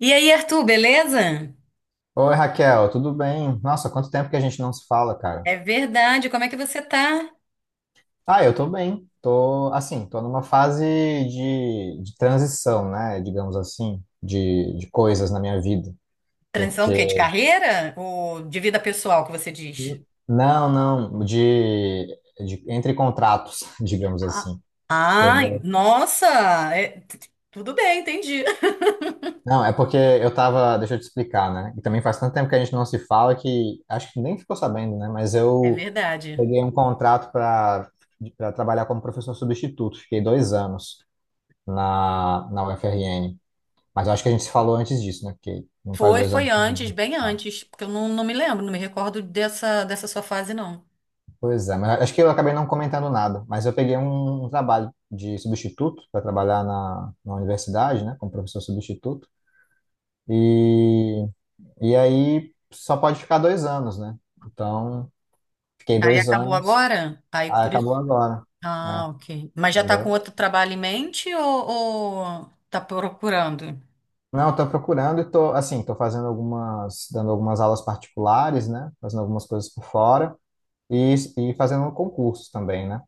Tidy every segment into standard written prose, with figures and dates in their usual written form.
E aí, Arthur, beleza? Oi, Raquel, tudo bem? Nossa, quanto tempo que a gente não se fala, cara. É verdade. Como é que você tá? Ah, eu tô bem. Tô, assim, tô numa fase de transição, né? Digamos assim, de coisas na minha vida. Transição o quê? De Porque. carreira? Ou de vida pessoal, que você diz? Não, não, de entre contratos, digamos Ah, assim. ai, Entendeu? nossa! é- t- Tudo bem, entendi. Não, é porque eu tava. Deixa eu te explicar, né? E também faz tanto tempo que a gente não se fala que acho que nem ficou sabendo, né? Mas É eu verdade. peguei um contrato para trabalhar como professor substituto. Fiquei 2 anos na UFRN. Mas eu acho que a gente se falou antes disso, né? Porque não faz Foi, dois foi anos que. antes, bem Não. antes, porque eu não me lembro, não me recordo dessa sua fase, não. Pois é, mas acho que eu acabei não comentando nada. Mas eu peguei um trabalho de substituto para trabalhar na universidade, né? Como professor substituto. E, e aí só pode ficar 2 anos, né? Então, fiquei Aí dois acabou anos, agora? Aí aí por acabou isso. agora. É, Ah, ok. Mas já tá com entendeu? outro trabalho em mente ou tá procurando? Não, estou procurando e tô, assim, tô fazendo algumas, dando algumas aulas particulares, né? Fazendo algumas coisas por fora. E, e fazendo concurso também, né?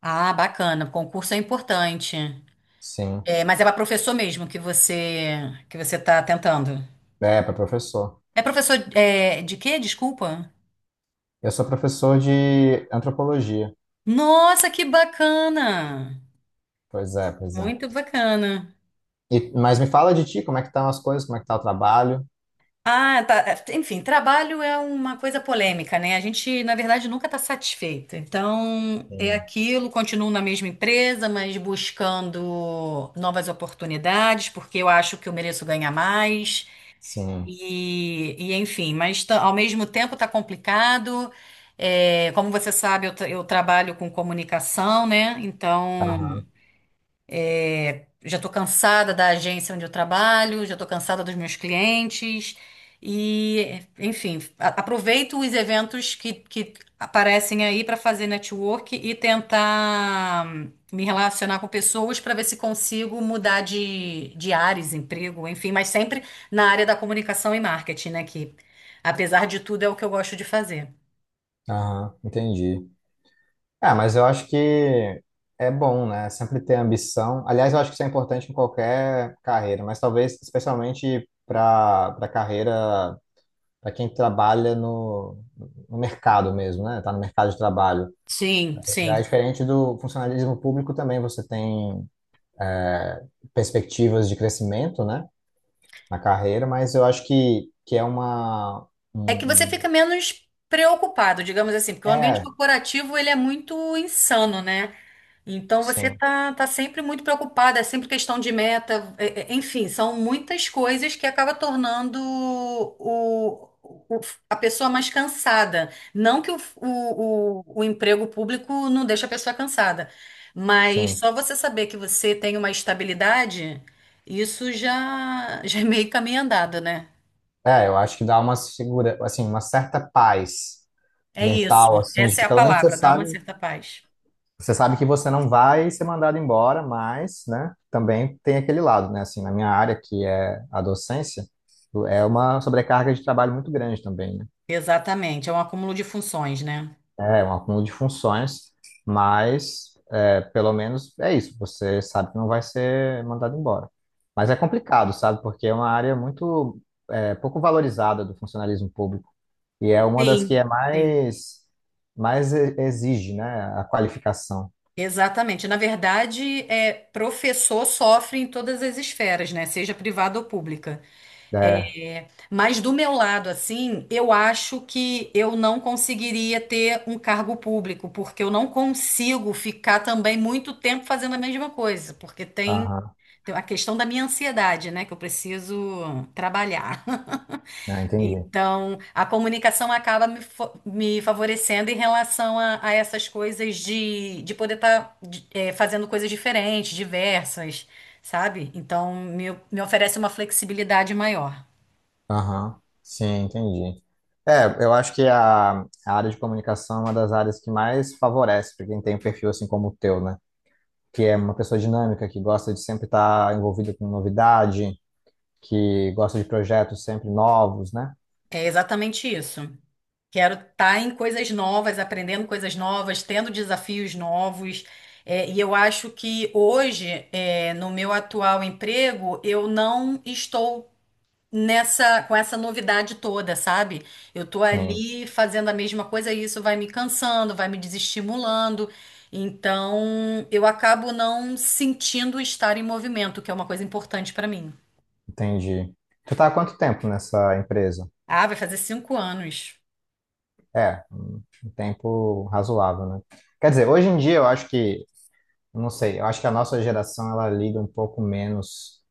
Ah, bacana. Concurso é importante. Sim. É, mas é para professor mesmo que você tá tentando. É, para professor. É professor de quê? Desculpa. Eu sou professor de antropologia. Nossa, que bacana! Pois é, pois é. Muito bacana. Mas me fala de ti, como é que estão as coisas, como é que tá o trabalho? Ah, tá. Enfim, trabalho é uma coisa polêmica, né? A gente, na verdade, nunca está satisfeita. Então, é Sim, aquilo, continuo na mesma empresa, mas buscando novas oportunidades, porque eu acho que eu mereço ganhar mais. sim. Enfim, mas tá- ao mesmo tempo está complicado. É, como você sabe, eu trabalho com comunicação, né? Então. Aham, É, já estou cansada da agência onde eu trabalho, já estou cansada dos meus clientes. E, enfim, a- aproveito os eventos que aparecem aí para fazer network e tentar me relacionar com pessoas para ver se consigo mudar de áreas, emprego, enfim, mas sempre na área da comunicação e marketing, né? Que, apesar de tudo, é o que eu gosto de fazer. aham, entendi. Ah, mas eu acho que é bom, né? Sempre ter ambição. Aliás, eu acho que isso é importante em qualquer carreira, mas talvez especialmente para carreira, para quem trabalha no mercado mesmo, né? Tá no mercado de trabalho. Sim, Já é sim. diferente do funcionalismo público também, você tem é, perspectivas de crescimento, né, na carreira, mas eu acho que, é uma. É que você um- fica menos preocupado, digamos assim, porque o um- ambiente é, corporativo ele é muito insano, né? Então você sim, tá sempre muito preocupado, é sempre questão de meta, enfim, são muitas coisas que acaba tornando a pessoa mais cansada. Não que o emprego público não deixe a pessoa cansada, mas sim. só você saber que você tem uma estabilidade, isso já, já é meio caminho andado, né? É, eu acho que dá uma segura, assim, uma certa paz É isso. mental, assim, de Essa é que a pelo menos você palavra, dá uma sabe, certa paz. você sabe que você não vai ser mandado embora, mas, né, também tem aquele lado, né, assim, na minha área, que é a docência, é uma sobrecarga de trabalho muito grande também, né? Exatamente, é um acúmulo de funções, né? É um acúmulo de funções, mas pelo menos é isso. Você sabe que não vai ser mandado embora. Mas é complicado, sabe? Porque é uma área muito pouco valorizada do funcionalismo público e é uma das que é Sim, sim. mais exige, né? A qualificação. Exatamente. Na verdade, é, professor sofre em todas as esferas, né? Seja privada ou pública. É, É, mas do meu lado, assim, eu acho que eu não conseguiria ter um cargo público, porque eu não consigo ficar também muito tempo fazendo a mesma coisa, aham, tem a questão da minha ansiedade, né? Que eu preciso trabalhar. é, entendi. Então, a comunicação acaba me favorecendo em relação a essas coisas de poder estar fazendo coisas diferentes, diversas, sabe? Então, me oferece uma flexibilidade maior. Aham, sim, entendi. É, eu acho que a área de comunicação é uma das áreas que mais favorece para quem tem um perfil assim como o teu, né? Que é uma pessoa dinâmica, que gosta de sempre estar envolvida com novidade, que gosta de projetos sempre novos, né? É exatamente isso. Quero estar em coisas novas, aprendendo coisas novas, tendo desafios novos. É, e eu acho que hoje, é, no meu atual emprego, eu não estou nessa com essa novidade toda, sabe? Eu tô Sim, ali fazendo a mesma coisa e isso vai me cansando, vai me desestimulando. Então, eu acabo não sentindo estar em movimento, que é uma coisa importante pra mim. entendi. Tu tá há quanto tempo nessa empresa? Ah, vai fazer 5 anos. É, um tempo razoável, né? Quer dizer, hoje em dia eu acho que, não sei, eu acho que a nossa geração ela liga um pouco menos,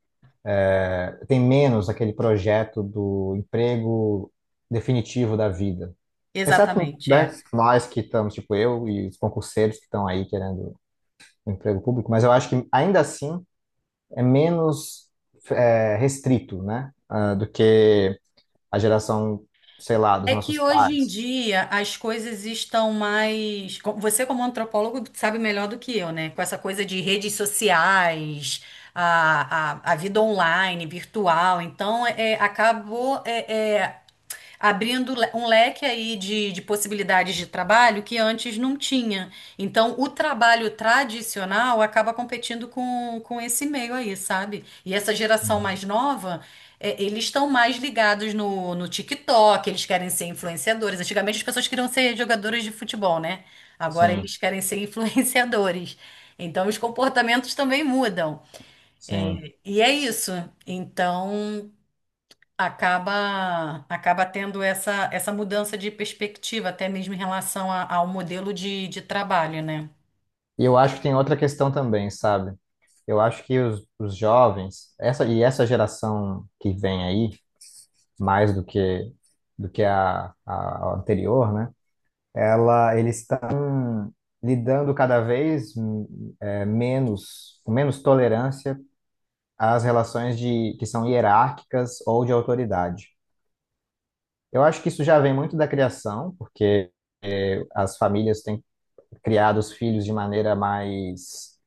tem menos aquele projeto do emprego definitivo da vida. Exceto, Exatamente, né, é. nós que estamos, tipo eu e os concurseiros que estão aí querendo o emprego público, mas eu acho que ainda assim é menos restrito, né? Do que a geração, sei lá, dos É que nossos hoje em pais. dia as coisas estão mais. Você, como antropólogo, sabe melhor do que eu, né? Com essa coisa de redes sociais, a vida online, virtual. Então, é, acabou. É, Abrindo um leque aí de possibilidades de trabalho que antes não tinha. Então, o trabalho tradicional acaba competindo com esse meio aí, sabe? E essa geração Uhum. mais nova, é, eles estão mais ligados no TikTok, eles querem ser influenciadores. Antigamente as pessoas queriam ser jogadores de futebol, né? Agora Sim, eles querem ser influenciadores. Então, os comportamentos também mudam. sim. E é isso. Então acaba tendo essa mudança de perspectiva, até mesmo em relação ao modelo de trabalho, né? E eu acho que tem outra questão também, sabe? Eu acho que os jovens, essa geração que vem aí, mais do que a anterior, né? Eles estão lidando cada vez menos, com menos tolerância às relações que são hierárquicas ou de autoridade. Eu acho que isso já vem muito da criação, porque as famílias têm criado os filhos de maneira mais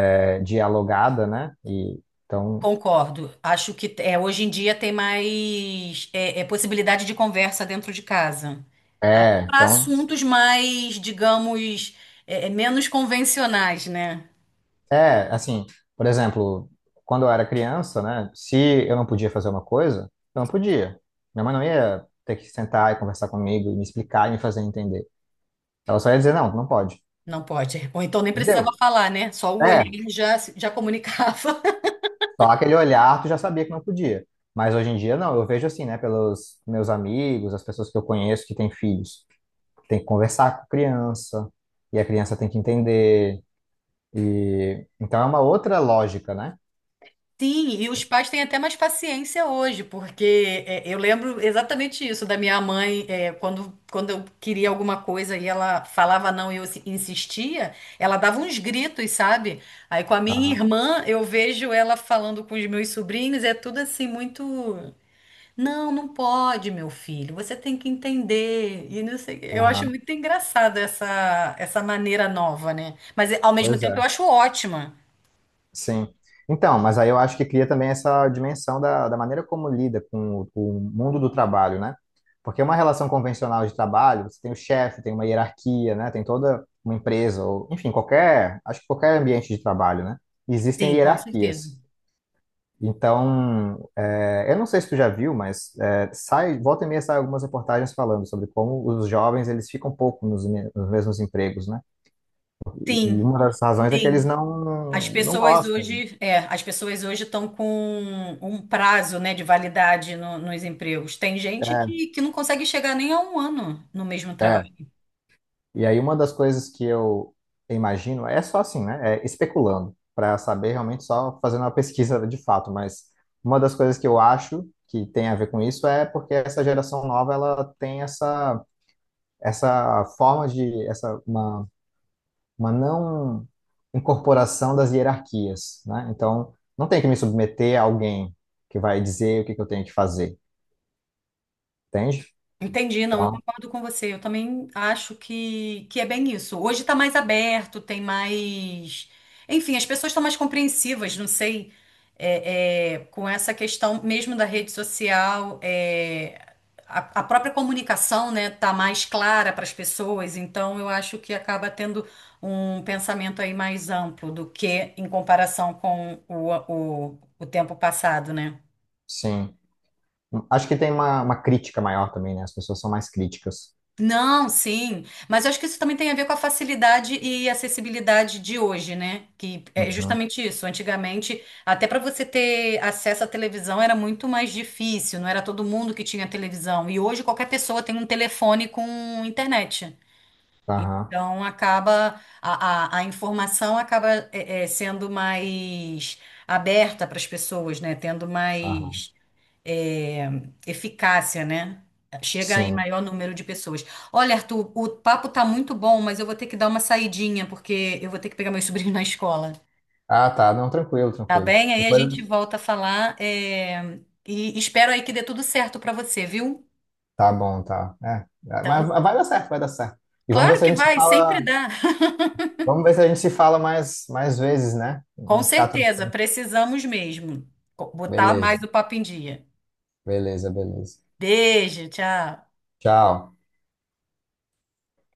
dialogada, né? Concordo. Acho que é, hoje em dia tem mais possibilidade de conversa dentro de casa. é, Para então, assuntos mais, digamos, menos convencionais, né? assim, por exemplo, quando eu era criança, né? Se eu não podia fazer uma coisa, eu não podia. Minha mãe não ia ter que sentar e conversar comigo, e me explicar e me fazer entender. Ela só ia dizer, não, não pode. Não pode. Ou então nem precisava Entendeu? falar, né? Só o olhar É, já comunicava. só aquele olhar, tu já sabia que não podia. Mas hoje em dia, não. Eu vejo assim, né? Pelos meus amigos, as pessoas que eu conheço que têm filhos. Tem que conversar com a criança. E a criança tem que entender. Então é uma outra lógica, né? Sim, e os pais têm até mais paciência hoje, porque é, eu lembro exatamente isso da minha mãe, é, quando eu queria alguma coisa e ela falava não e eu se- insistia, ela dava uns gritos, sabe? Aí com a minha Aham, irmã, eu vejo ela falando com os meus sobrinhos, é tudo assim muito. Não, não pode, meu filho, você tem que entender. E não sei, eu acho aham. muito engraçado essa maneira nova, né? Mas ao mesmo Pois é. tempo eu acho ótima. Sim. Então, mas aí eu acho que cria também essa dimensão da maneira como lida com o mundo do trabalho, né? Porque uma relação convencional de trabalho, você tem o chefe, tem uma hierarquia, né? Tem toda uma empresa, ou, enfim, qualquer, acho que qualquer ambiente de trabalho, né? Existem Sim, com certeza. hierarquias. Então, eu não sei se tu já viu, mas volta e meia sai algumas reportagens falando sobre como os jovens eles ficam um pouco nos mesmos empregos, né? E Sim, uma das razões é que eles sim. As não, não pessoas gostam. hoje, é, as pessoas hoje estão com um prazo, né, de validade nos empregos. Tem gente É, que não consegue chegar nem a um ano no mesmo. é. E aí uma das coisas que eu imagino é só assim, né? É especulando, para saber realmente só fazendo uma pesquisa de fato, mas uma das coisas que eu acho que tem a ver com isso é porque essa geração nova ela tem essa essa forma de essa uma não incorporação das hierarquias, né? Então, não tem que me submeter a alguém que vai dizer o que que eu tenho que fazer, entende? Entendi, não, eu Então, concordo com você. Eu também acho que é bem isso. Hoje tá mais aberto, tem mais. Enfim, as pessoas estão mais compreensivas, não sei, com essa questão mesmo da rede social, é, a própria comunicação, né, tá mais clara para as pessoas, então eu acho que acaba tendo um pensamento aí mais amplo do que em comparação com o tempo passado, né? sim. Acho que tem uma crítica maior também, né? As pessoas são mais críticas. Não, sim. Mas eu acho que isso também tem a ver com a facilidade e acessibilidade de hoje, né? Que é Uhum. justamente isso. Antigamente, até para você ter acesso à televisão era muito mais difícil, não era todo mundo que tinha televisão. E hoje qualquer pessoa tem um telefone com internet. Aham, Então acaba a informação acaba sendo mais aberta para as pessoas, né? Tendo aham. mais é, eficácia, né? Chega em Sim. maior número de pessoas. Olha, Arthur, o papo tá muito bom, mas eu vou ter que dar uma saidinha, porque eu vou ter que pegar meu sobrinho na escola. Ah, tá. Não, tranquilo, Tá tranquilo. bem? Aí a Depois. gente volta a falar, é, e espero aí que dê tudo certo para você, viu? Tá bom, tá. É. Mas Então, vai dar certo, vai dar certo. E vamos ver claro se a que gente se vai, fala. sempre dá. Vamos ver se a gente se fala mais, mais vezes, né? Com Não ficar tanto certeza, tempo. precisamos mesmo botar Beleza, mais o papo em dia. beleza, beleza. Beijo, tchau. Tchau.